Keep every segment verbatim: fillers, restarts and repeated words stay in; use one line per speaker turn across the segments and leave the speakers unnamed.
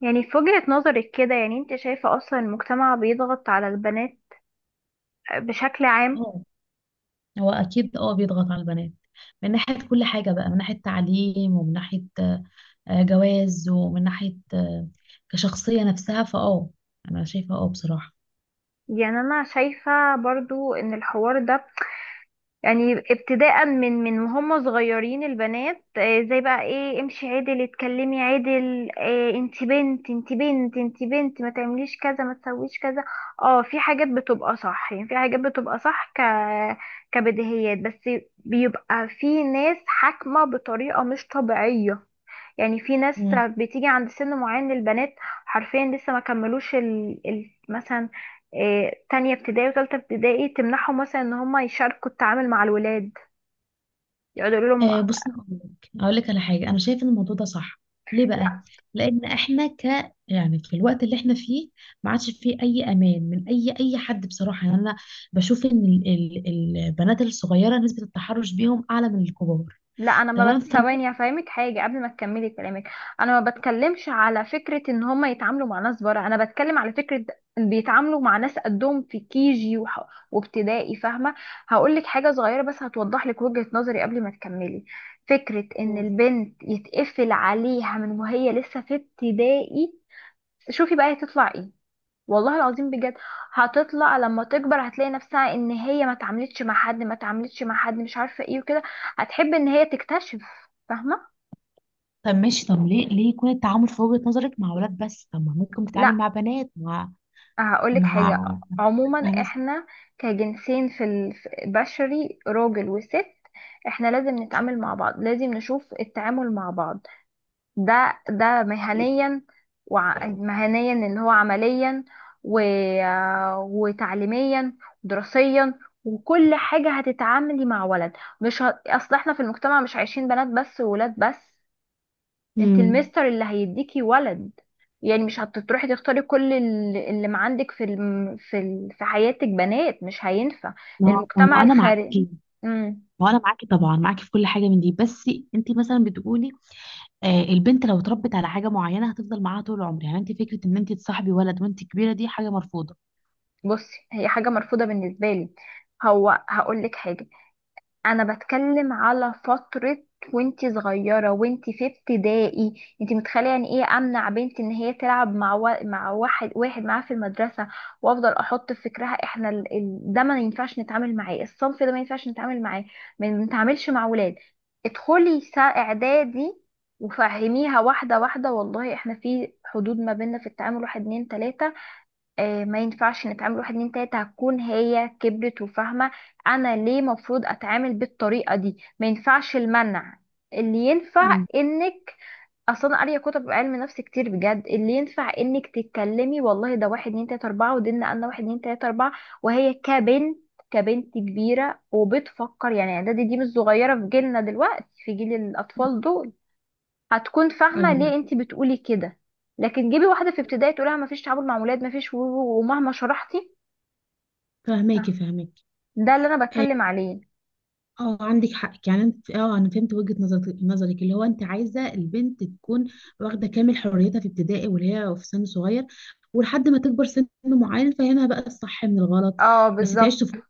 يعني في وجهة نظرك كده، يعني انت شايفة اصلا المجتمع بيضغط على البنات بشكل عام.
اه. هو اكيد اه بيضغط على البنات من ناحيه كل حاجه بقى، من ناحيه تعليم ومن ناحيه آه، آه، جواز، ومن ناحيه آه، كشخصيه نفسها. فاه انا شايفه اه بصراحه.
يعني انا شايفة برضو ان الحوار ده يعني ابتداء من من وهم صغيرين البنات، آه، زي بقى ايه، امشي عدل، اتكلمي عدل، آه، انت بنت، انت بنت، انت بنت، ما تعمليش كذا، ما تسويش كذا. اه، في حاجات بتبقى صح، يعني في حاجات بتبقى صح ك كبديهيات، بس بيبقى في ناس حاكمة بطريقة مش طبيعية. يعني في ناس
مم.
بتيجي عند سن معين للبنات حرفيا لسه ما كملوش ال... ال... مثلا آه، تانية ابتدائي وتالتة ابتدائي، تمنعهم مثلا ان هم يشاركوا التعامل مع الولاد، يقعدوا يقولوا لهم
آه، بص، اقول لك اقول لك على حاجه، انا شايفه ان الموضوع ده صح. ليه بقى؟
لا.
لان احنا ك يعني في الوقت اللي احنا فيه ما عادش فيه اي امان من اي اي حد بصراحه. يعني انا بشوف ان ال- ال- البنات الصغيره نسبه التحرش بيهم اعلى من الكبار.
لا، انا ما
تمام.
بت...
ف
ثواني هفهمك حاجه قبل ما تكملي كلامك. انا ما بتكلمش على فكره ان هم يتعاملوا مع ناس بره، انا بتكلم على فكره بيتعاملوا مع ناس قدهم في كيجي وح... وابتدائي، فاهمه. هقول لك حاجه صغيره بس هتوضح لك وجهه نظري قبل ما تكملي. فكره ان البنت يتقفل عليها من وهي لسه في ابتدائي، شوفي بقى هتطلع ايه. والله العظيم بجد هتطلع لما تكبر هتلاقي نفسها ان هي ما اتعاملتش مع حد، ما اتعاملتش مع حد مش عارفه ايه وكده، هتحب ان هي تكتشف، فاهمه.
طب ماشي. طب ليه ليه يكون التعامل في وجهة نظرك مع ولاد بس؟ طب ما ممكن تتعامل
لا،
مع بنات، مع
هقولك
مع
حاجه.
بنتها
عموما
مثلا.
احنا كجنسين في البشري، راجل وست، احنا لازم نتعامل مع بعض، لازم نشوف التعامل مع بعض. ده ده مهنيا، وع- مهنيا اللي هو عمليا و... وتعليميا ودراسيا وكل حاجة، هتتعاملي مع ولد، مش ه... اصل احنا في المجتمع مش عايشين بنات بس وولاد بس. انت
امم.
المستر اللي هيديكي ولد، يعني مش هتروحي تختاري كل ال- اللي ما عندك في الم... في ال... في حياتك بنات، مش هينفع
ما هو ما هو
المجتمع
انا
الخارجي.
معاكي
امم.
ما هو انا معاكي طبعا، معاكي في كل حاجه من دي. بس انت مثلا بتقولي آه البنت لو اتربت على حاجه معينه هتفضل معاها طول العمر، يعني انت فكره ان انت تصاحبي ولد وانت كبيره دي حاجه مرفوضه.
بصي، هي حاجة مرفوضة بالنسبة لي. هو هقول لك حاجة، انا بتكلم على فترة وانتي صغيرة وانتي في ابتدائي. انتي متخيلة يعني ايه امنع بنتي ان هي تلعب مع و... مع واحد واحد معاها في المدرسة، وافضل احط في فكرها احنا ال... ال... ده ما ينفعش نتعامل معاه، الصنف ده ما ينفعش نتعامل معاه، ما نتعاملش مع ولاد. ادخلي سا اعدادي وفهميها واحدة واحدة، والله احنا في حدود ما بيننا في التعامل واحد اتنين تلاتة، آه، ما ينفعش نتعامل واحد اتنين تلاته، هتكون هي كبرت وفاهمة انا ليه مفروض اتعامل بالطريقة دي. ما ينفعش المنع، اللي ينفع
امم.
انك اصلا قارية كتب علم نفس كتير بجد. اللي ينفع انك تتكلمي والله ده واحد اتنين تلاته اربعة ودينا انا واحد اتنين تلاته اربعة، وهي كبنت، كبنت كبيرة وبتفكر، يعني اعدادي دي مش صغيرة في جيلنا دلوقتي، في جيل الاطفال دول، هتكون فاهمة ليه
ايوه.
انت بتقولي كده. لكن جيبي واحدة في ابتدائي تقولها مفيش تعامل مع ولاد، مفيش و- و- ومهما شرحتي،
فهماكي فهماكي.
ده اللي انا بتكلم عليه.
اه عندك حق. يعني انت اه انا فهمت وجهة نظرك، نظرك اللي هو انت عايزه البنت تكون واخده كامل حريتها في ابتدائي واللي هي في سن صغير، ولحد ما تكبر سن معين فهمها بقى الصح من الغلط،
اه
بس تعيش
بالظبط.
طفولة.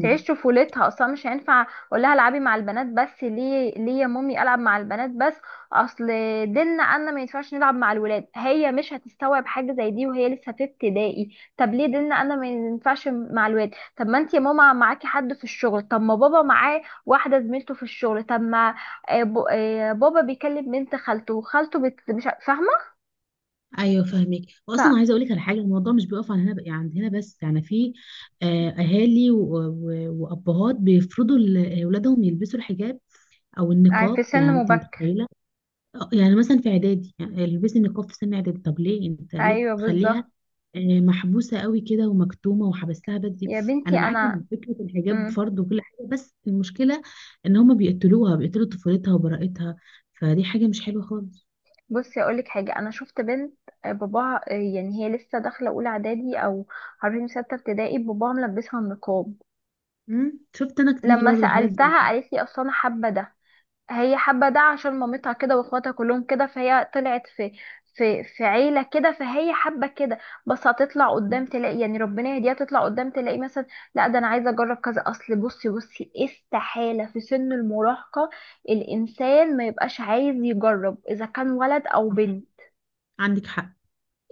تعيش طفولتها، اصلا مش هينفع اقول لها العبي مع البنات بس، ليه؟ ليه يا مامي العب مع البنات بس؟ اصل ديننا قالنا ما ينفعش نلعب مع الولاد، هي مش هتستوعب حاجه زي دي وهي لسه في ابتدائي. طب ليه ديننا قالنا ما ينفعش مع الولاد؟ طب ما انت يا ماما معاكي حد في الشغل، طب ما بابا معاه واحده زميلته في الشغل، طب ما آه، ب- آه، بابا بيكلم بنت خالته، وخالته بت... مش ع- فاهمه.
ايوه فاهمك.
ف...
واصلا عايزه اقول لك على حاجه: الموضوع مش بيقف عن هنا، عند هنا بس. يعني في آه، اهالي و- و- وابهات بيفرضوا لاولادهم يلبسوا الحجاب او
في
النقاب. يعني
سن
انت
مبكر.
متخيله آه، يعني مثلا في اعدادي، يعني البسي نقاب في سن اعدادي؟ طب ليه انت، ليه
ايوه
بتخليها
بالظبط.
آه، محبوسه قوي كده ومكتومه وحبستها بدري؟
يا
انا
بنتي
معاك
انا.
ان فكره الحجاب
مم.
فرض وكل حاجه، بس المشكله ان هما بيقتلوها، بيقتلوا طفولتها وبراءتها. فدي حاجه مش حلوه خالص.
بصي اقولك حاجه، انا شفت بنت، آه، باباها، آه، يعني هي لسه داخله اولى اعدادي او عارفين سته ابتدائي، باباها ملبسها النقاب.
مم. شفت انا كتير
لما
برضو حالات زي
سالتها
دي.
قالت لي اصل انا حابه ده. هي حابه ده عشان مامتها كده واخواتها كلهم كده، فهي طلعت في في في عيله كده فهي حابه كده. بس هتطلع
مم.
قدام تلاقي، يعني ربنا يهديها، تطلع قدام تلاقي مثلا لا، ده انا عايزه اجرب كذا. اصل بصي، بصي إيه، استحاله في سن المراهقه الانسان ما يبقاش عايز يجرب اذا كان ولد او
صح،
بنت.
عندك حق.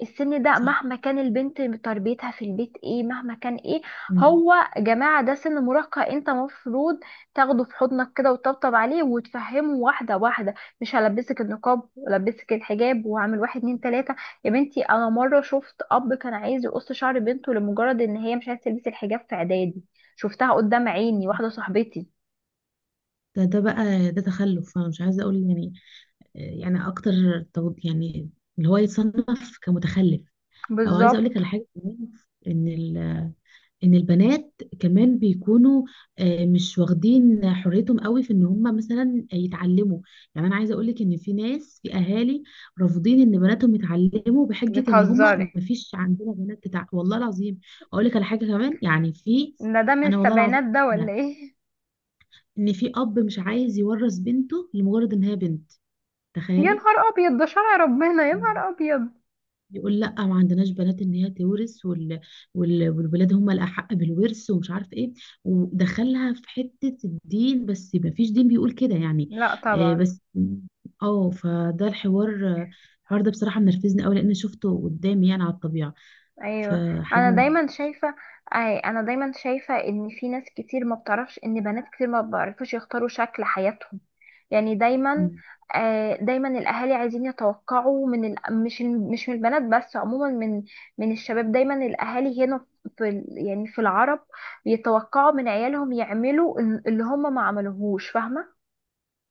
السن ده
صح.
مهما كان البنت تربيتها في البيت ايه، مهما كان ايه،
مم.
هو يا جماعة ده سن مراهقة، انت مفروض تاخده في حضنك كده وتطبطب عليه وتفهمه واحدة واحدة، مش هلبسك النقاب ولبسك الحجاب وعامل واحد اتنين تلاتة. يا بنتي انا مرة شفت اب كان عايز يقص شعر بنته لمجرد ان هي مش عايزة تلبس الحجاب في اعدادي، شفتها قدام عيني، واحدة صاحبتي.
ده ده بقى ده تخلف انا مش عايزه اقول يعني آه، يعني اكتر تو- يعني اللي هو يتصنف كمتخلف او عايزه اقول لك
بالظبط.
على حاجه كمان ان ال- ان البنات كمان بيكونوا آه، مش واخدين حريتهم قوي في ان هم مثلا يتعلموا يعني انا عايزه اقول لك ان في ناس في اهالي رافضين ان بناتهم يتعلموا بحجه ان هم
بتهزري
مفيش عندنا بنات تتع... والله العظيم اقول لك على حاجه كمان يعني في
ان ده من
انا والله العظيم
السبعينات ده
شفتها،
ولا ايه؟
ان في اب مش عايز يورث بنته لمجرد ان هي بنت
يا
تخيلي
نهار ابيض، ده شرع ربنا، يا نهار ابيض.
يقول لا ما عندناش بنات ان هي تورث وال... وال... والولاد هم الاحق بالورث ومش عارف ايه ودخلها في حته الدين بس ما فيش دين بيقول كده يعني
لا
آه
طبعا.
بس اه فده الحوار الحوار ده بصراحه منرفزني قوي لان شفته قدامي يعني على الطبيعه
ايوه. انا
فحاجه
دايما شايفه، أي انا دايما شايفه ان في ناس كتير ما بتعرفش ان بنات كتير ما بيعرفوش يختاروا شكل حياتهم. يعني دايما،
مم.
آه، دايما الاهالي عايزين يتوقعوا من ال... مش ال- مش من البنات بس، عموما من من الشباب. دايما الاهالي هنا في ال... يعني في العرب يتوقعوا من عيالهم يعملوا ال- اللي هم ما عملوهوش، فاهمه.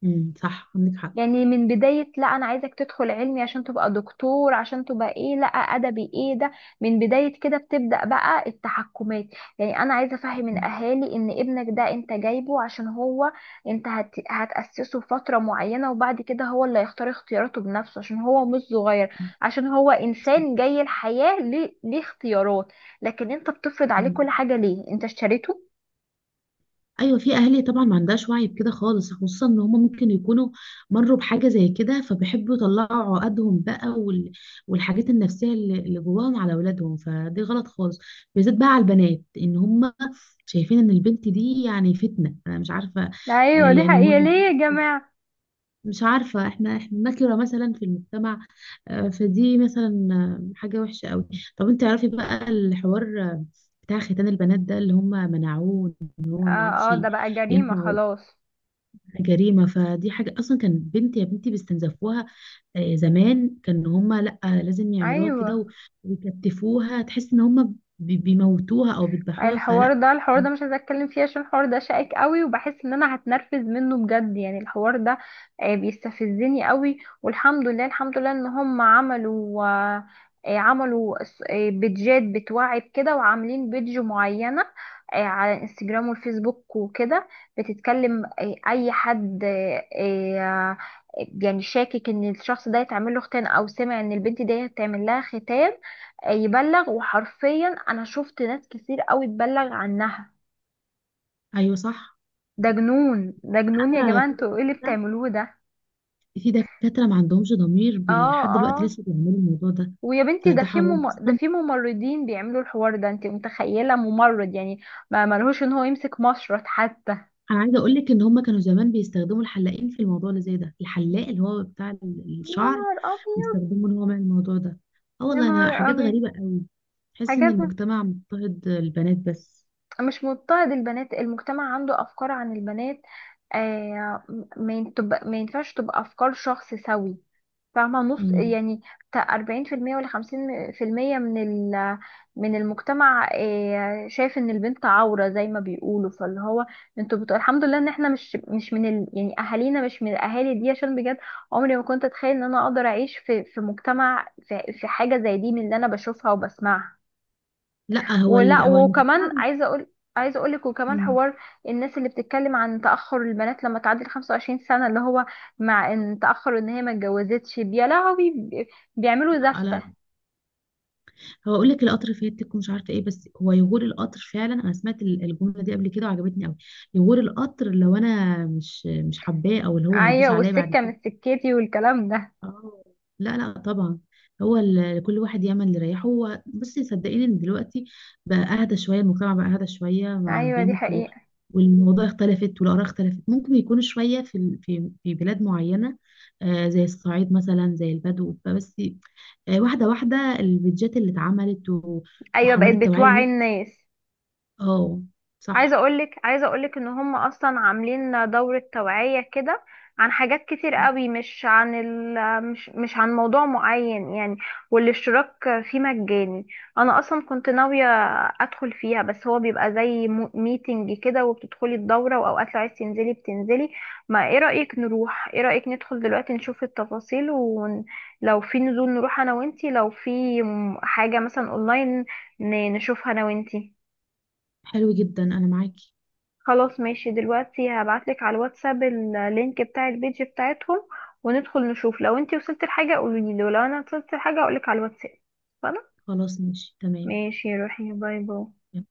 مم. صح عندك حق
يعني من بداية، لا أنا عايزك تدخل علمي عشان تبقى دكتور، عشان تبقى إيه، لا أدبي، إيه ده؟ من بداية كده بتبدأ بقى التحكمات. يعني أنا عايزة أفهم
مم.
الأهالي إن ابنك ده أنت جايبه عشان هو، أنت هت... هتأسسه فترة معينة وبعد كده هو اللي هيختار اختياراته بنفسه عشان هو مش صغير،
مم.
عشان هو
صح.
إنسان جاي الحياة ليه، ليه اختيارات. لكن أنت بتفرض عليه
مم.
كل حاجة، ليه أنت اشتريته؟
ايوه في اهالي طبعا ما عندهاش وعي بكده خالص، خصوصا ان هم ممكن يكونوا مروا بحاجه زي كده، فبيحبوا يطلعوا عقدهم بقى وال... والحاجات النفسيه اللي اللي جواهم على اولادهم. فدي غلط خالص، بالذات بقى على البنات ان هم شايفين ان البنت دي يعني فتنه، انا مش عارفه. آه،
أيوة دي
يعني هو
حقيقة، ليه يا جماعة؟
مش عارفه، احنا احنا نكره مثلا في المجتمع، آه، فدي مثلا آه، حاجه وحشه قوي. طب انت تعرفي بقى الحوار آه، بتاع ختان البنات ده اللي هم منعوه، ان هو ما
آه
عادش
آه، ده بقى جريمة
ينفع؟
خلاص.
جريمة. فدي حاجة أصلا كان بنت يا بنتي بيستنزفوها آه، زمان. كان هما لأ، لازم يعملوها كده
أيوة.
و- ويكتفوها، تحس إن هما بي- بيموتوها أو بيذبحوها.
الحوار
فلأ.
ده، الحوار ده مش عايزه اتكلم فيه عشان الحوار ده شائك قوي وبحس ان انا هتنرفز منه بجد، يعني الحوار ده آه، بيستفزني قوي. والحمد لله، الحمد لله ان هم عملوا، آه، آه، عملوا س- آه، بيدجات بتوعي بكده، وعاملين بيدج معينه آه، على انستجرام والفيسبوك وكده، بتتكلم آه، اي حد آه، آه، يعني شاكك ان الشخص ده يتعمل له ختان، او سمع ان البنت دي هتعمل لها ختان، يبلغ. وحرفيا انا شفت ناس كتير قوي تبلغ عنها.
أيوه صح.
ده جنون، ده جنون يا
آه
جماعة،
في
انتوا ايه اللي
دكاترة،
بتعملوه ده؟
في دكاترة ما عندهمش ضمير، بي-
اه
لحد دلوقتي
اه.
لسه بيعملوا الموضوع ده،
ويا بنتي ده
فده
في
حرام
مم... ده
أصلا.
في ممرضين بيعملوا الحوار ده، انت متخيلة ممرض يعني ما ملهوش ان هو يمسك مشرط حتى.
انا عايزه اقول لك ان هم كانوا زمان بيستخدموا الحلاقين في الموضوع اللي زي ده، الحلاق اللي هو بتاع ال-
يا
الشعر،
نهار ابيض،
بيستخدموا ان هو يعمل الموضوع ده. اه
يا
والله
نهار
انا حاجات
ابيض.
غريبه قوي. تحس ان
حاجات،
المجتمع مضطهد البنات بس.
مش مضطهد البنات، المجتمع عنده افكار عن البنات آه، ما ين- تبقى- ما ينفعش تبقى افكار شخص سوي فاهمة نص
امم.
يعني. بتاع أربعين في المية ولا خمسين في المية من ال من المجتمع آه، شايف ان البنت عورة زي ما بيقولوا، فاللي هو انتوا بتقول الحمد لله ان احنا مش، مش من ال يعني اهالينا مش من الاهالي دي، عشان بجد عمري ما كنت اتخيل ان انا اقدر اعيش في، في مجتمع في، في حاجة زي دي من اللي انا بشوفها وبسمعها.
لا هو ال...
ولا.
هو
وكمان
المجتمع.
عايزه اقول، عايزه اقول لك وكمان
امم.
حوار: الناس اللي بتتكلم عن تاخر البنات لما تعدي ال خمسة وعشرين سنه، اللي هو مع ان تاخر ان هي ما اتجوزتش، يا لهوي، بي- بيعملوا
لا لا،
زفه.
هو اقول لك: القطر فاتك ومش عارفه ايه. بس هو يغور القطر فعلا. انا سمعت ال- الجمله دي قبل كده وعجبتني قوي: يغور القطر لو انا مش مش حباه، او اللي هو هيدوس
ايوه
عليا بعد
والسكه
كده.
من سكتي والكلام ده.
اه. لا لا طبعا. هو ال- كل واحد يعمل اللي يريحه هو. بصي صدقيني، ان دلوقتي بقى اهدى شويه، المجتمع بقى اهدى شويه مع
ايوه دي
البنت و...
حقيقه.
والموضوع اختلفت والاراء اختلفت. ممكن يكونوا شويه في ال- في في بلاد معينه آه زي الصعيد مثلا، زي البدو. بس آه واحده واحده البيدجات اللي اتعملت و...
ايوه
وحملات
بقت
التوعيه
بتوعي
لل-
الناس.
اه.
عايزه
صح.
اقولك، عايزه اقولك ان هم اصلا عاملين دوره توعيه كده عن حاجات كتير قوي، مش عن ال مش مش عن موضوع معين يعني، والاشتراك فيه مجاني. انا اصلا كنت ناويه ادخل فيها، بس هو بيبقى زي ميتنج كده وبتدخلي الدوره، واوقات لو عايز تنزلي بتنزلي. ما ايه رايك نروح، ايه رايك ندخل دلوقتي نشوف التفاصيل، ولو في نزول نروح انا وانتي، لو في م- حاجه مثلا اونلاين ن- نشوفها انا وانتي.
حلو جدا، انا معاكي.
خلاص ماشي، دلوقتي هبعتلك على الواتساب اللينك بتاع البيج بتاعتهم، وندخل نشوف. لو انتي وصلت لحاجة قوليلي، ولو انا وصلت لحاجة اقولك على الواتساب. خلاص.
خلاص ماشي.
ماشي، روحي، باي باي.
تمام.